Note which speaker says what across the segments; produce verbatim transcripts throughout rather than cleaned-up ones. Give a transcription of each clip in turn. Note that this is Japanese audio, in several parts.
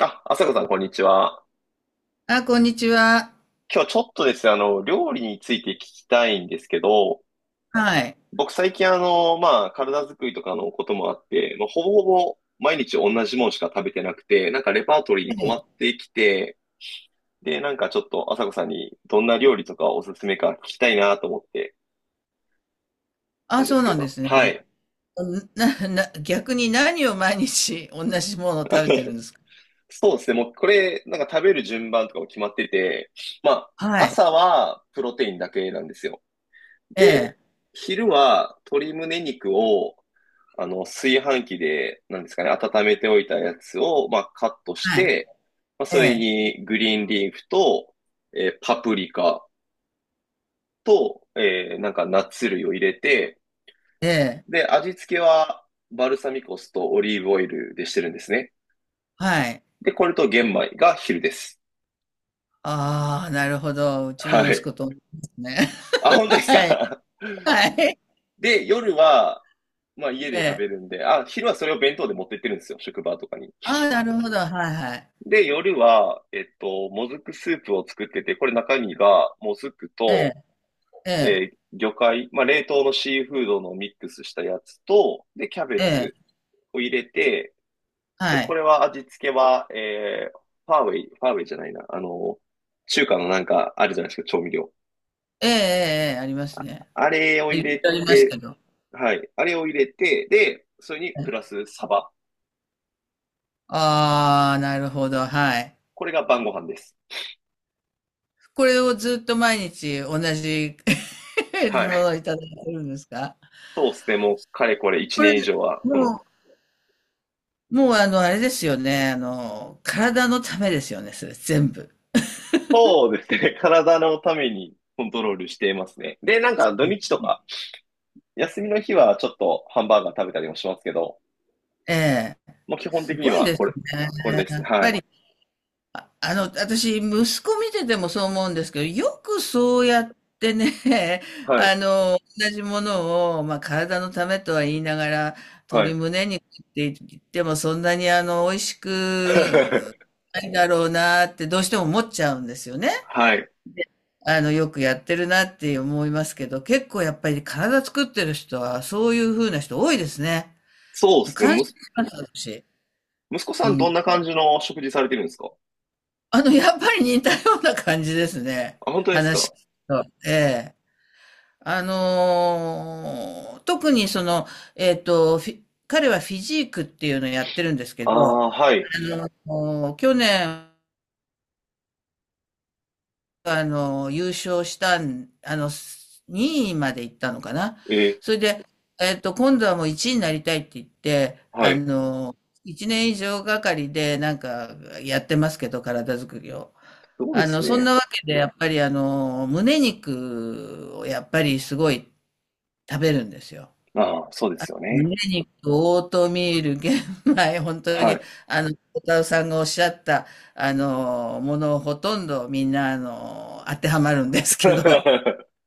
Speaker 1: あ、あさこさん、こんにちは。
Speaker 2: あ、こんにちは。
Speaker 1: 今日ちょっとですね、あの、料理について聞きたいんですけど、
Speaker 2: はい。
Speaker 1: 僕最近あの、まあ、体作りとかのこともあって、まあ、ほぼほぼ毎日同じものしか食べてなくて、なんかレパートリーに
Speaker 2: ね
Speaker 1: 困っ
Speaker 2: え。
Speaker 1: てきて、で、なんかちょっとあさこさんにどんな料理とかおすすめか聞きたいなと思ってな
Speaker 2: あ、
Speaker 1: んで
Speaker 2: そう
Speaker 1: すけ
Speaker 2: なんで
Speaker 1: ど。
Speaker 2: すね。
Speaker 1: はい。
Speaker 2: な、な、逆に何を毎日同じものを食べてるんですか？
Speaker 1: そうですね、もうこれ、なんか食べる順番とかも決まってて、まあ、
Speaker 2: はい。
Speaker 1: 朝はプロテインだけなんですよ。
Speaker 2: え
Speaker 1: で、
Speaker 2: え。
Speaker 1: 昼は鶏胸肉をあの、炊飯器で、なんですかね、温めておいたやつを、まあ、カットし
Speaker 2: はい。
Speaker 1: て、まあ、
Speaker 2: え
Speaker 1: それ
Speaker 2: え。
Speaker 1: にグリーンリーフと、えーパプリカと、えーなんかナッツ類を入れて、
Speaker 2: ええ。
Speaker 1: で、味付けはバルサミコ酢とオリーブオイルでしてるんですね。
Speaker 2: はい。
Speaker 1: で、これと玄米が昼です。
Speaker 2: ああ、なるほど。うち
Speaker 1: は
Speaker 2: の息
Speaker 1: い。
Speaker 2: 子と同じですね。
Speaker 1: あ、本当で す
Speaker 2: はい。
Speaker 1: か？
Speaker 2: はい。
Speaker 1: で、夜は、まあ家
Speaker 2: え
Speaker 1: で食べ
Speaker 2: え。
Speaker 1: るんで、あ、昼はそれを弁当で持ってってるんですよ、職場とかに。
Speaker 2: ああ、なるほど。はいはい。
Speaker 1: で、夜は、えっと、もずくスープを作ってて、これ中身がもずく
Speaker 2: ええ。
Speaker 1: と、
Speaker 2: ええ。
Speaker 1: えー魚介、まあ、冷凍のシーフードのミックスしたやつと、で、キャベ
Speaker 2: ええ。
Speaker 1: ツを入れて、で、
Speaker 2: は
Speaker 1: こ
Speaker 2: い。
Speaker 1: れは味付けは、えーファーウェイ、ファーウェイじゃないな、あの、中華のなんかあるじゃないですか、調味料。
Speaker 2: ええ、ええ、ええ、ありますね。
Speaker 1: あれを
Speaker 2: 言
Speaker 1: 入
Speaker 2: って
Speaker 1: れ
Speaker 2: ありますけ
Speaker 1: て、
Speaker 2: ど。
Speaker 1: はい、あれを入れて、で、それにプラスサバ。
Speaker 2: ああ、なるほど。はい。
Speaker 1: これが晩ご飯です。
Speaker 2: これをずっと毎日同じ も
Speaker 1: は
Speaker 2: の
Speaker 1: い。
Speaker 2: をいただいてるんですか？
Speaker 1: そうですね、もうかれこれ1
Speaker 2: これ、
Speaker 1: 年以上はこ
Speaker 2: も
Speaker 1: の
Speaker 2: うもう、あの、あれですよね、あの、体のためですよね、それ全部。
Speaker 1: そうですね。体のためにコントロールしていますね。で、なんか土日とか、休みの日はちょっとハンバーガー食べたりもしますけど、
Speaker 2: ええ。
Speaker 1: もう基本
Speaker 2: す
Speaker 1: 的に
Speaker 2: ごい
Speaker 1: は
Speaker 2: で
Speaker 1: こ
Speaker 2: す
Speaker 1: れ、
Speaker 2: ね。
Speaker 1: これです
Speaker 2: や
Speaker 1: ね。
Speaker 2: っ
Speaker 1: は
Speaker 2: ぱ
Speaker 1: い。
Speaker 2: りああの、私、息子見ててもそう思うんですけど、よくそうやってね、
Speaker 1: はい。
Speaker 2: あの、同じものを、まあ、体のためとは言いながら、
Speaker 1: は
Speaker 2: 鶏
Speaker 1: い。
Speaker 2: 胸肉って言っても、そんなにあの、美味しく ないだろうなって、どうしても思っちゃうんですよね。
Speaker 1: はい。
Speaker 2: あの、よくやってるなって思いますけど、結構やっぱり体作ってる人は、そういう風な人多いですね。
Speaker 1: そうで
Speaker 2: もう
Speaker 1: すね。
Speaker 2: 感
Speaker 1: む
Speaker 2: 心し
Speaker 1: す、
Speaker 2: ます、私。
Speaker 1: 息子さんどん
Speaker 2: 本
Speaker 1: な
Speaker 2: 当
Speaker 1: 感じの食事されてるんですか？
Speaker 2: あの、やっぱり似たような感じですね。
Speaker 1: あ、本当です
Speaker 2: 話聞
Speaker 1: か？
Speaker 2: くと。ええ。あのー特にその、えっと、フィ彼はフィジークっていうのをやってるんですけ
Speaker 1: あ
Speaker 2: ど、
Speaker 1: あ、はい。
Speaker 2: もう去年、あの、優勝したん、あの、にいまで行ったのかな。
Speaker 1: えー、
Speaker 2: それで、えっと、今度はもういちいになりたいって言って、
Speaker 1: は
Speaker 2: あ
Speaker 1: い。
Speaker 2: の、いちねん以上がかりでなんかやってますけど、体作りを。
Speaker 1: すごい
Speaker 2: あ
Speaker 1: です
Speaker 2: の、そん
Speaker 1: ね。
Speaker 2: なわけで、やっぱりあの、胸肉をやっぱりすごい食べるんですよ。
Speaker 1: ああ、そうですよね。
Speaker 2: 胸肉、オートミール、玄米、本当
Speaker 1: は
Speaker 2: に、
Speaker 1: い。
Speaker 2: あの、小田さんがおっしゃった、あの、ものほとんどみんな、あの、当てはまるんですけど。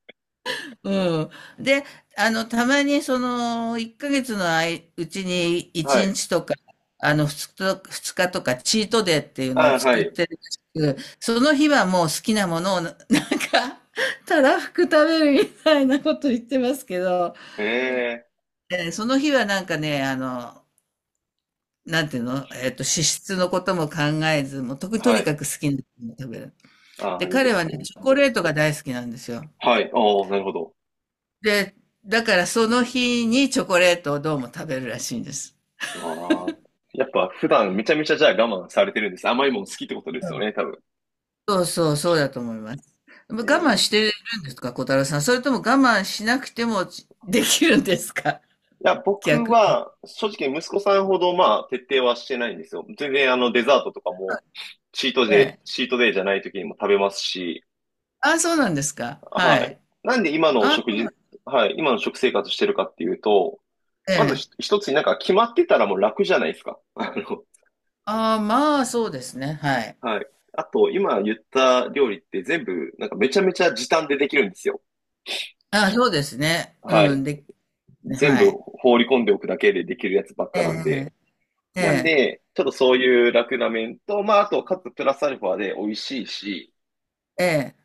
Speaker 2: うん。で、あの、たまにその、いっかげつのあいうちに
Speaker 1: は
Speaker 2: 1
Speaker 1: い。
Speaker 2: 日とか、あの、ふつかと二日とか、チートデーっていうの
Speaker 1: あ
Speaker 2: を
Speaker 1: あ、は
Speaker 2: 作っ
Speaker 1: い。
Speaker 2: てるらしく、その日はもう好きなものをな、なんか、たらふく食べるみたいなこと言ってますけど、
Speaker 1: ええ、
Speaker 2: えーその日はなんかね、あの、なんていうの、えっと、脂質のことも考えず、もうと、と
Speaker 1: は
Speaker 2: に
Speaker 1: い。
Speaker 2: かく好きなものを食べる。
Speaker 1: ああ、
Speaker 2: で、
Speaker 1: いいで
Speaker 2: 彼は
Speaker 1: す
Speaker 2: ね、
Speaker 1: ね。
Speaker 2: チョコレートが大好きなんですよ。
Speaker 1: はい。ああ、なるほど。
Speaker 2: で、だからその日にチョコレートをどうも食べるらしいんです。
Speaker 1: ああ。やっぱ普段めちゃめちゃじゃあ我慢されてるんです。甘いもの好きってことです
Speaker 2: う
Speaker 1: よ
Speaker 2: ん。
Speaker 1: ね、多分。
Speaker 2: そうそう、そうだと思います。我慢
Speaker 1: え
Speaker 2: して
Speaker 1: え。
Speaker 2: るんですか、小太郎さん。それとも我慢しなくてもちできるんですか？
Speaker 1: いや、僕
Speaker 2: 逆に。
Speaker 1: は正直息子さんほどまあ徹底はしてないんですよ。全然あのデザートとかもチート
Speaker 2: え
Speaker 1: デイ、
Speaker 2: え。
Speaker 1: チートデイじゃない時にも食べますし、
Speaker 2: ああ、そうなんですか。
Speaker 1: は
Speaker 2: は
Speaker 1: い。
Speaker 2: い。
Speaker 1: なんで今の
Speaker 2: ああ、
Speaker 1: 食
Speaker 2: そうな
Speaker 1: 事、
Speaker 2: ん
Speaker 1: はい、今の食生活してるかっていうと、
Speaker 2: え
Speaker 1: まず
Speaker 2: え。
Speaker 1: ひ一つになんか決まってたらもう楽じゃないですか。あの、
Speaker 2: ああ、まあ、そうですね。はい。
Speaker 1: はい。あと今言った料理って全部なんかめちゃめちゃ時短でできるんですよ。
Speaker 2: ああ、そうですね。
Speaker 1: は
Speaker 2: う
Speaker 1: い。
Speaker 2: ん、で、ね
Speaker 1: 全
Speaker 2: は
Speaker 1: 部
Speaker 2: い。
Speaker 1: 放り込んでおくだけでできるやつばっ
Speaker 2: え
Speaker 1: かなんで、
Speaker 2: え、え
Speaker 1: なん
Speaker 2: え、
Speaker 1: で、ちょっとそういう楽な面と、まあ、あと、かつプラスアルファで美味しいし、
Speaker 2: ええ、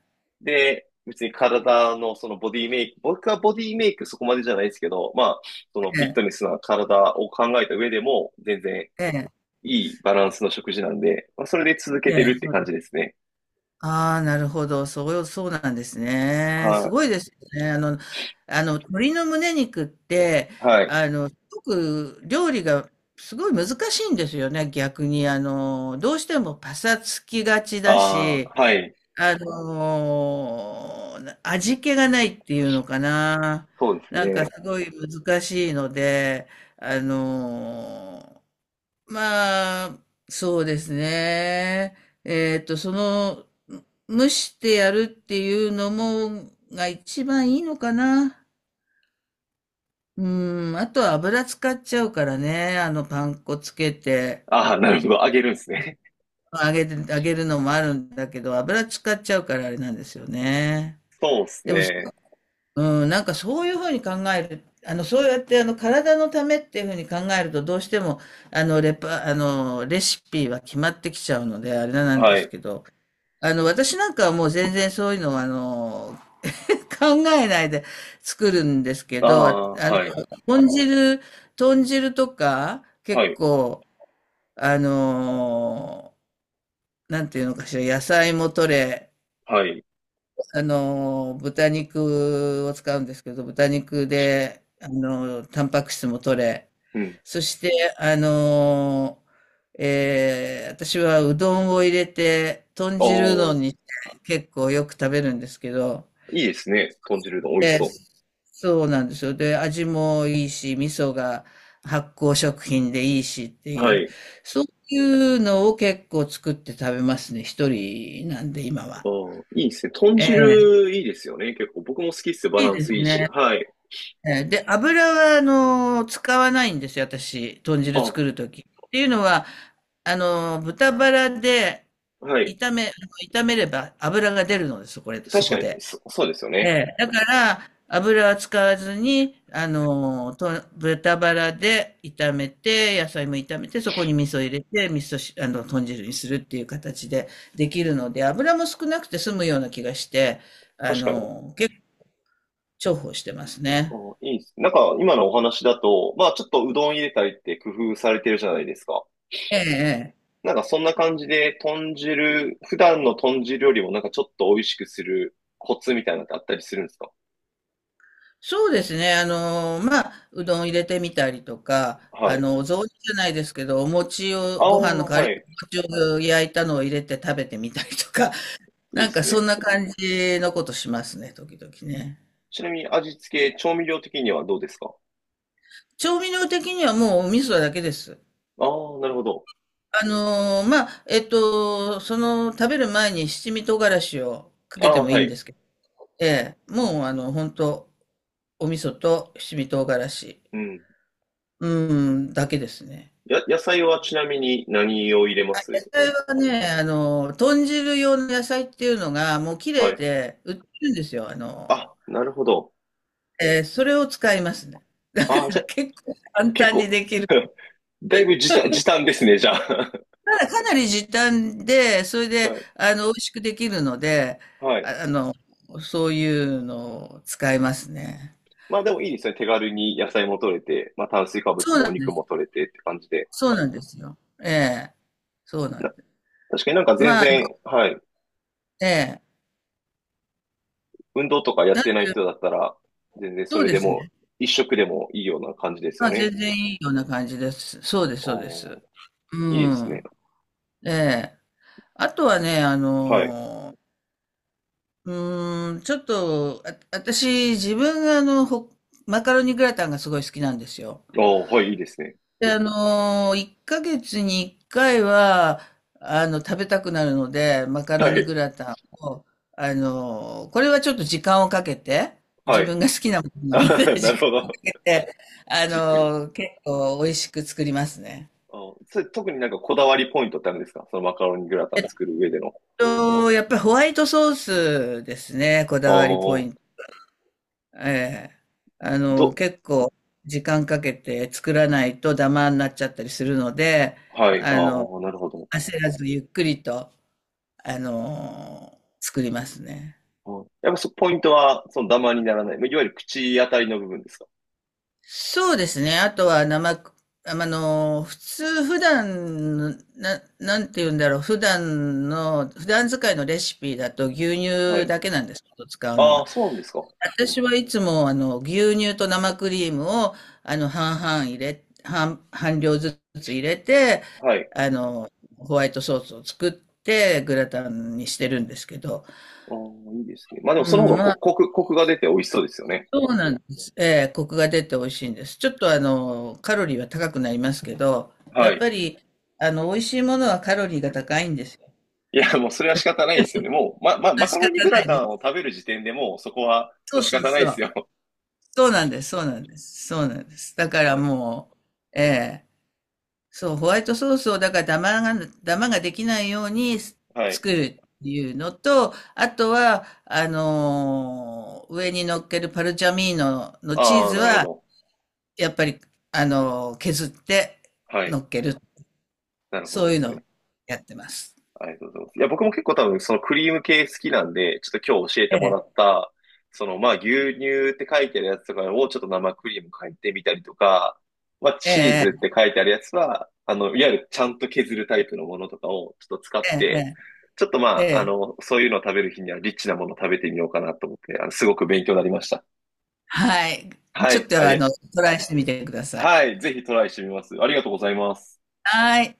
Speaker 1: で、別に体のそのボディメイク、僕はボディメイクそこまでじゃないですけど、まあ、その
Speaker 2: え
Speaker 1: フィッ
Speaker 2: え、
Speaker 1: トネスな体を考えた上でも、全然
Speaker 2: ええ、
Speaker 1: いいバランスの食事なんで、まあ、それで続け
Speaker 2: ええ、
Speaker 1: てるって
Speaker 2: え
Speaker 1: 感じ
Speaker 2: え、
Speaker 1: ですね。
Speaker 2: ああ、なるほど。そう、そうなんですね。す
Speaker 1: は
Speaker 2: ごいですよね。あの、あの、鶏の胸肉って、
Speaker 1: い、はい。
Speaker 2: あの、すごく料理がすごい難しいんですよね。逆に、あの、どうしてもパサつきがちだ
Speaker 1: あ
Speaker 2: し、
Speaker 1: あ、はい。
Speaker 2: あの、味気がないっていうのかな。
Speaker 1: そうです
Speaker 2: なんか
Speaker 1: ね。
Speaker 2: すごい難しいので、あの、まあ、そうですね。えっと、その、蒸してやるっていうのも、が一番いいのかな。うん、あとは油使っちゃうからね。あの、パン粉つけて、
Speaker 1: ああ、なるほど。あげるんですね。
Speaker 2: 揚げて、揚げるのもあるんだけど、油使っちゃうからあれなんですよね。
Speaker 1: そうです
Speaker 2: でも、そ
Speaker 1: ね。
Speaker 2: うん、なんかそういうふうに考える、あの、そうやってあの、体のためっていうふうに考えると、どうしても、あの、レパ、あの、レシピは決まってきちゃうので、あれなんで
Speaker 1: は
Speaker 2: す
Speaker 1: い。
Speaker 2: けど、あの、私なんかはもう全然そういうのは、あの、考えないで作るんですけ
Speaker 1: あ
Speaker 2: ど、あ
Speaker 1: あ、はい。
Speaker 2: の、豚汁、豚汁とか、
Speaker 1: は
Speaker 2: 結
Speaker 1: い。
Speaker 2: 構、あの、なんていうのかしら、野菜も取れ、
Speaker 1: はい。
Speaker 2: あの、豚肉を使うんですけど、豚肉で、あの、タンパク質も取れ、
Speaker 1: うん。
Speaker 2: そして、あの、えー私はうどんを入れて、豚
Speaker 1: あ
Speaker 2: 汁うど
Speaker 1: あ、
Speaker 2: んにして結構よく食べるんですけど、
Speaker 1: いいですね。豚汁うどん美味し
Speaker 2: え
Speaker 1: そ
Speaker 2: ーそうなんですよ。で、味もいいし、味噌が発酵食品でいいしって
Speaker 1: う。
Speaker 2: い
Speaker 1: は
Speaker 2: う、
Speaker 1: い。
Speaker 2: そういうのを結構作って食べますね、一人なんで今
Speaker 1: あ
Speaker 2: は。
Speaker 1: あ、いいですね。豚
Speaker 2: ええ、
Speaker 1: 汁いいですよね。結構僕も好きっすよ。バ
Speaker 2: い
Speaker 1: ラ
Speaker 2: い
Speaker 1: ン
Speaker 2: で
Speaker 1: ス
Speaker 2: す
Speaker 1: いいし。
Speaker 2: ね。
Speaker 1: はい。
Speaker 2: えーで、油は、あのー使わないんですよ、私、豚汁
Speaker 1: あ、
Speaker 2: 作るとき。っていうのは、あのー豚バラで
Speaker 1: はい。
Speaker 2: 炒め、あの炒めれば油が出るのです、これ、そ
Speaker 1: 確か
Speaker 2: こ
Speaker 1: に、
Speaker 2: で。
Speaker 1: そ、そうですよ
Speaker 2: え
Speaker 1: ね。
Speaker 2: え、だから、油は使わずに、あのーと、豚バラで炒めて、野菜も炒めて、そこに味噌入れて、味噌し、あの、豚汁にするっていう形でできるので、油も少なくて済むような気がして、あ
Speaker 1: 確かに。
Speaker 2: のー結構重宝してます
Speaker 1: あ
Speaker 2: ね。
Speaker 1: あ、いいです。なんか今のお話だと、まあちょっとうどん入れたりって工夫されてるじゃないですか。
Speaker 2: ええ、ええ、
Speaker 1: なんかそんな感じで豚汁、普段の豚汁よりもなんかちょっと美味しくするコツみたいなのってあったりするんですか？
Speaker 2: そうですね。あの、まあ、うどん入れてみたりとか、
Speaker 1: は
Speaker 2: あ
Speaker 1: い。
Speaker 2: の、お雑煮じゃないですけど、お餅
Speaker 1: あ
Speaker 2: を、
Speaker 1: あ、
Speaker 2: ご飯の代わ
Speaker 1: は
Speaker 2: り
Speaker 1: い。
Speaker 2: にお餅を焼いたのを入れて食べてみたりとか、
Speaker 1: いいで
Speaker 2: なん
Speaker 1: す
Speaker 2: かそん
Speaker 1: ね。
Speaker 2: な感じのことしますね、時々ね。
Speaker 1: ちなみに味付け、調味料的にはどうですか？
Speaker 2: 調味料的にはもうお味噌だけです。
Speaker 1: ああー、なるほど。
Speaker 2: あの、まあ、えっと、その、食べる前に七味唐辛子をか
Speaker 1: あ
Speaker 2: けて
Speaker 1: あ、
Speaker 2: もい
Speaker 1: は
Speaker 2: いんで
Speaker 1: い。
Speaker 2: すけど、ええ、もうあの、本当お味噌と七味唐辛子、
Speaker 1: うん。
Speaker 2: うん、だけですね。
Speaker 1: や、野菜はちなみに何を入れま
Speaker 2: 野
Speaker 1: す？
Speaker 2: 菜はね、あの、豚汁用の野菜っていうのが、もう切
Speaker 1: は
Speaker 2: れ
Speaker 1: い。
Speaker 2: て売ってるんですよ。あの、
Speaker 1: あ、なるほど。
Speaker 2: えーそれを使いますね。だか
Speaker 1: あ
Speaker 2: ら
Speaker 1: あ、じゃ、
Speaker 2: 結構簡
Speaker 1: 結
Speaker 2: 単に
Speaker 1: 構、
Speaker 2: できる。
Speaker 1: だいぶ時短、時短ですね、じゃあ。
Speaker 2: ただかなり時短で、それ
Speaker 1: は
Speaker 2: で、
Speaker 1: い。
Speaker 2: あの、美味しくできるので、
Speaker 1: はい。
Speaker 2: あ、あの、そういうのを使いますね。
Speaker 1: まあでもいいですね。手軽に野菜も取れて、まあ炭水化物
Speaker 2: そう
Speaker 1: も
Speaker 2: な
Speaker 1: お
Speaker 2: ん、
Speaker 1: 肉も取れてって感じで。
Speaker 2: そうなんですよ。ええ、そうなん
Speaker 1: な、
Speaker 2: です。
Speaker 1: 確かになんか全
Speaker 2: まあ、
Speaker 1: 然、はい。
Speaker 2: ええ、
Speaker 1: 運動とかやってない人だったら、全然
Speaker 2: そ
Speaker 1: そ
Speaker 2: う
Speaker 1: れ
Speaker 2: で
Speaker 1: で
Speaker 2: す
Speaker 1: も、
Speaker 2: ね。
Speaker 1: 一食でもいいような感じですよ
Speaker 2: まあ、全
Speaker 1: ね。
Speaker 2: 然いいような感じです。そうです、そうで
Speaker 1: お
Speaker 2: す。
Speaker 1: ー、
Speaker 2: う
Speaker 1: いいですね。
Speaker 2: ん。ええ。あとはね、あ
Speaker 1: はい。
Speaker 2: の、うーん、ちょっと、あ、私、自分があの、ほマカロニグラタンがすごい好きなんですよ。
Speaker 1: おーはい、いいですね。
Speaker 2: で、あの、いっかげつにいっかいは、あの、食べたくなるので、マカロ
Speaker 1: は
Speaker 2: ニ
Speaker 1: い、
Speaker 2: グラタンを、あの、これはちょっと時間をかけて、
Speaker 1: は
Speaker 2: 自
Speaker 1: い。
Speaker 2: 分が好きなも
Speaker 1: あ
Speaker 2: のなの
Speaker 1: は
Speaker 2: で、
Speaker 1: は な
Speaker 2: 時
Speaker 1: る
Speaker 2: 間
Speaker 1: ほ
Speaker 2: をか
Speaker 1: ど。
Speaker 2: けて、あ
Speaker 1: じっくり。
Speaker 2: の、結構美味しく作りますね。
Speaker 1: あー、それ、特になんかこだわりポイントってあるんですか？そのマカロニグラタ
Speaker 2: え
Speaker 1: ン
Speaker 2: っ
Speaker 1: 作る上での。
Speaker 2: と、やっぱりホワイトソースですね、こ
Speaker 1: あ
Speaker 2: だわりポイ
Speaker 1: あ、
Speaker 2: ント。ええ、あ
Speaker 1: ど、
Speaker 2: の、結構時間かけて作らないとダマになっちゃったりするので、
Speaker 1: はい、あ
Speaker 2: あの、
Speaker 1: あ、なるほど。
Speaker 2: 焦らずゆっくりと、あの、作りますね。
Speaker 1: うん、やっぱそ、ポイントは、そのダマにならない。まあいわゆる口当たりの部分ですか？
Speaker 2: そうですね。あとは生く、あの、普通、普段、な、なんて言うんだろう。普段の、普段使いのレシピだと牛
Speaker 1: は
Speaker 2: 乳
Speaker 1: い。
Speaker 2: だけなんです。使うの
Speaker 1: ああ、
Speaker 2: が。
Speaker 1: そうなんですか。
Speaker 2: 私はいつも、あの、牛乳と生クリームを、あの、半々入れ、半、半量ずつ入れて、
Speaker 1: はい。
Speaker 2: あの、ホワイトソースを作って、グラタンにしてるんですけど、
Speaker 1: ああ、いいですね。まあでも
Speaker 2: う
Speaker 1: その方
Speaker 2: ん、
Speaker 1: が
Speaker 2: ま
Speaker 1: こ、
Speaker 2: あ、
Speaker 1: コク、コクが出て美味しそうですよね。
Speaker 2: そうなんです。ええ、コクが出て美味しいんです。ちょっと、あの、カロリーは高くなりますけど、や
Speaker 1: は
Speaker 2: っ
Speaker 1: い。
Speaker 2: ぱり、あの、美味しいものはカロリーが高いんですよ。
Speaker 1: いや、もうそれは仕方ないですよね。もう、ま、ま、マカ
Speaker 2: 仕
Speaker 1: ロ
Speaker 2: 方
Speaker 1: ニグ
Speaker 2: な
Speaker 1: ラ
Speaker 2: いで
Speaker 1: タンを
Speaker 2: す。
Speaker 1: 食べる時点でもうそこは
Speaker 2: そ
Speaker 1: もう
Speaker 2: う
Speaker 1: 仕
Speaker 2: そう
Speaker 1: 方ないで
Speaker 2: そ
Speaker 1: す
Speaker 2: う。
Speaker 1: よ。
Speaker 2: そうなんです、そうなんです、そうなんです。だから
Speaker 1: はい。
Speaker 2: もう、ええ、そう、ホワイトソースをだからダマが、ダマができないように
Speaker 1: はい。
Speaker 2: 作るっていうのと、あとは、あのー上に乗っけるパルチャミーノのチー
Speaker 1: ああ、
Speaker 2: ズ
Speaker 1: なるほ
Speaker 2: は、
Speaker 1: ど。
Speaker 2: やっぱり、あのー削って
Speaker 1: はい。
Speaker 2: 乗っける。
Speaker 1: なるほ
Speaker 2: そ
Speaker 1: ど
Speaker 2: う
Speaker 1: で
Speaker 2: いう
Speaker 1: す
Speaker 2: のを
Speaker 1: ね。
Speaker 2: やってます。
Speaker 1: ありがとうございます。いや、僕も結構多分そのクリーム系好きなんで、ちょっと今日教えて
Speaker 2: え
Speaker 1: も
Speaker 2: え、
Speaker 1: らった、そのまあ牛乳って書いてあるやつとかをちょっと生クリーム変えてみたりとか、まあ
Speaker 2: え
Speaker 1: チーズっ
Speaker 2: え、
Speaker 1: て書いてあるやつは、あの、いわゆるちゃんと削るタイプのものとかをちょっと使っ
Speaker 2: ええ、え
Speaker 1: て、ちょっとま
Speaker 2: え、
Speaker 1: あ、あ
Speaker 2: ええ、
Speaker 1: の、そういうのを食べる日にはリッチなものを食べてみようかなと思って、あの、すごく勉強になりました。
Speaker 2: はい。
Speaker 1: は
Speaker 2: ちょっ
Speaker 1: い。あ
Speaker 2: とあ
Speaker 1: れ、
Speaker 2: の、トライしてみてください。
Speaker 1: はい。ぜひトライしてみます。ありがとうございます。
Speaker 2: はい。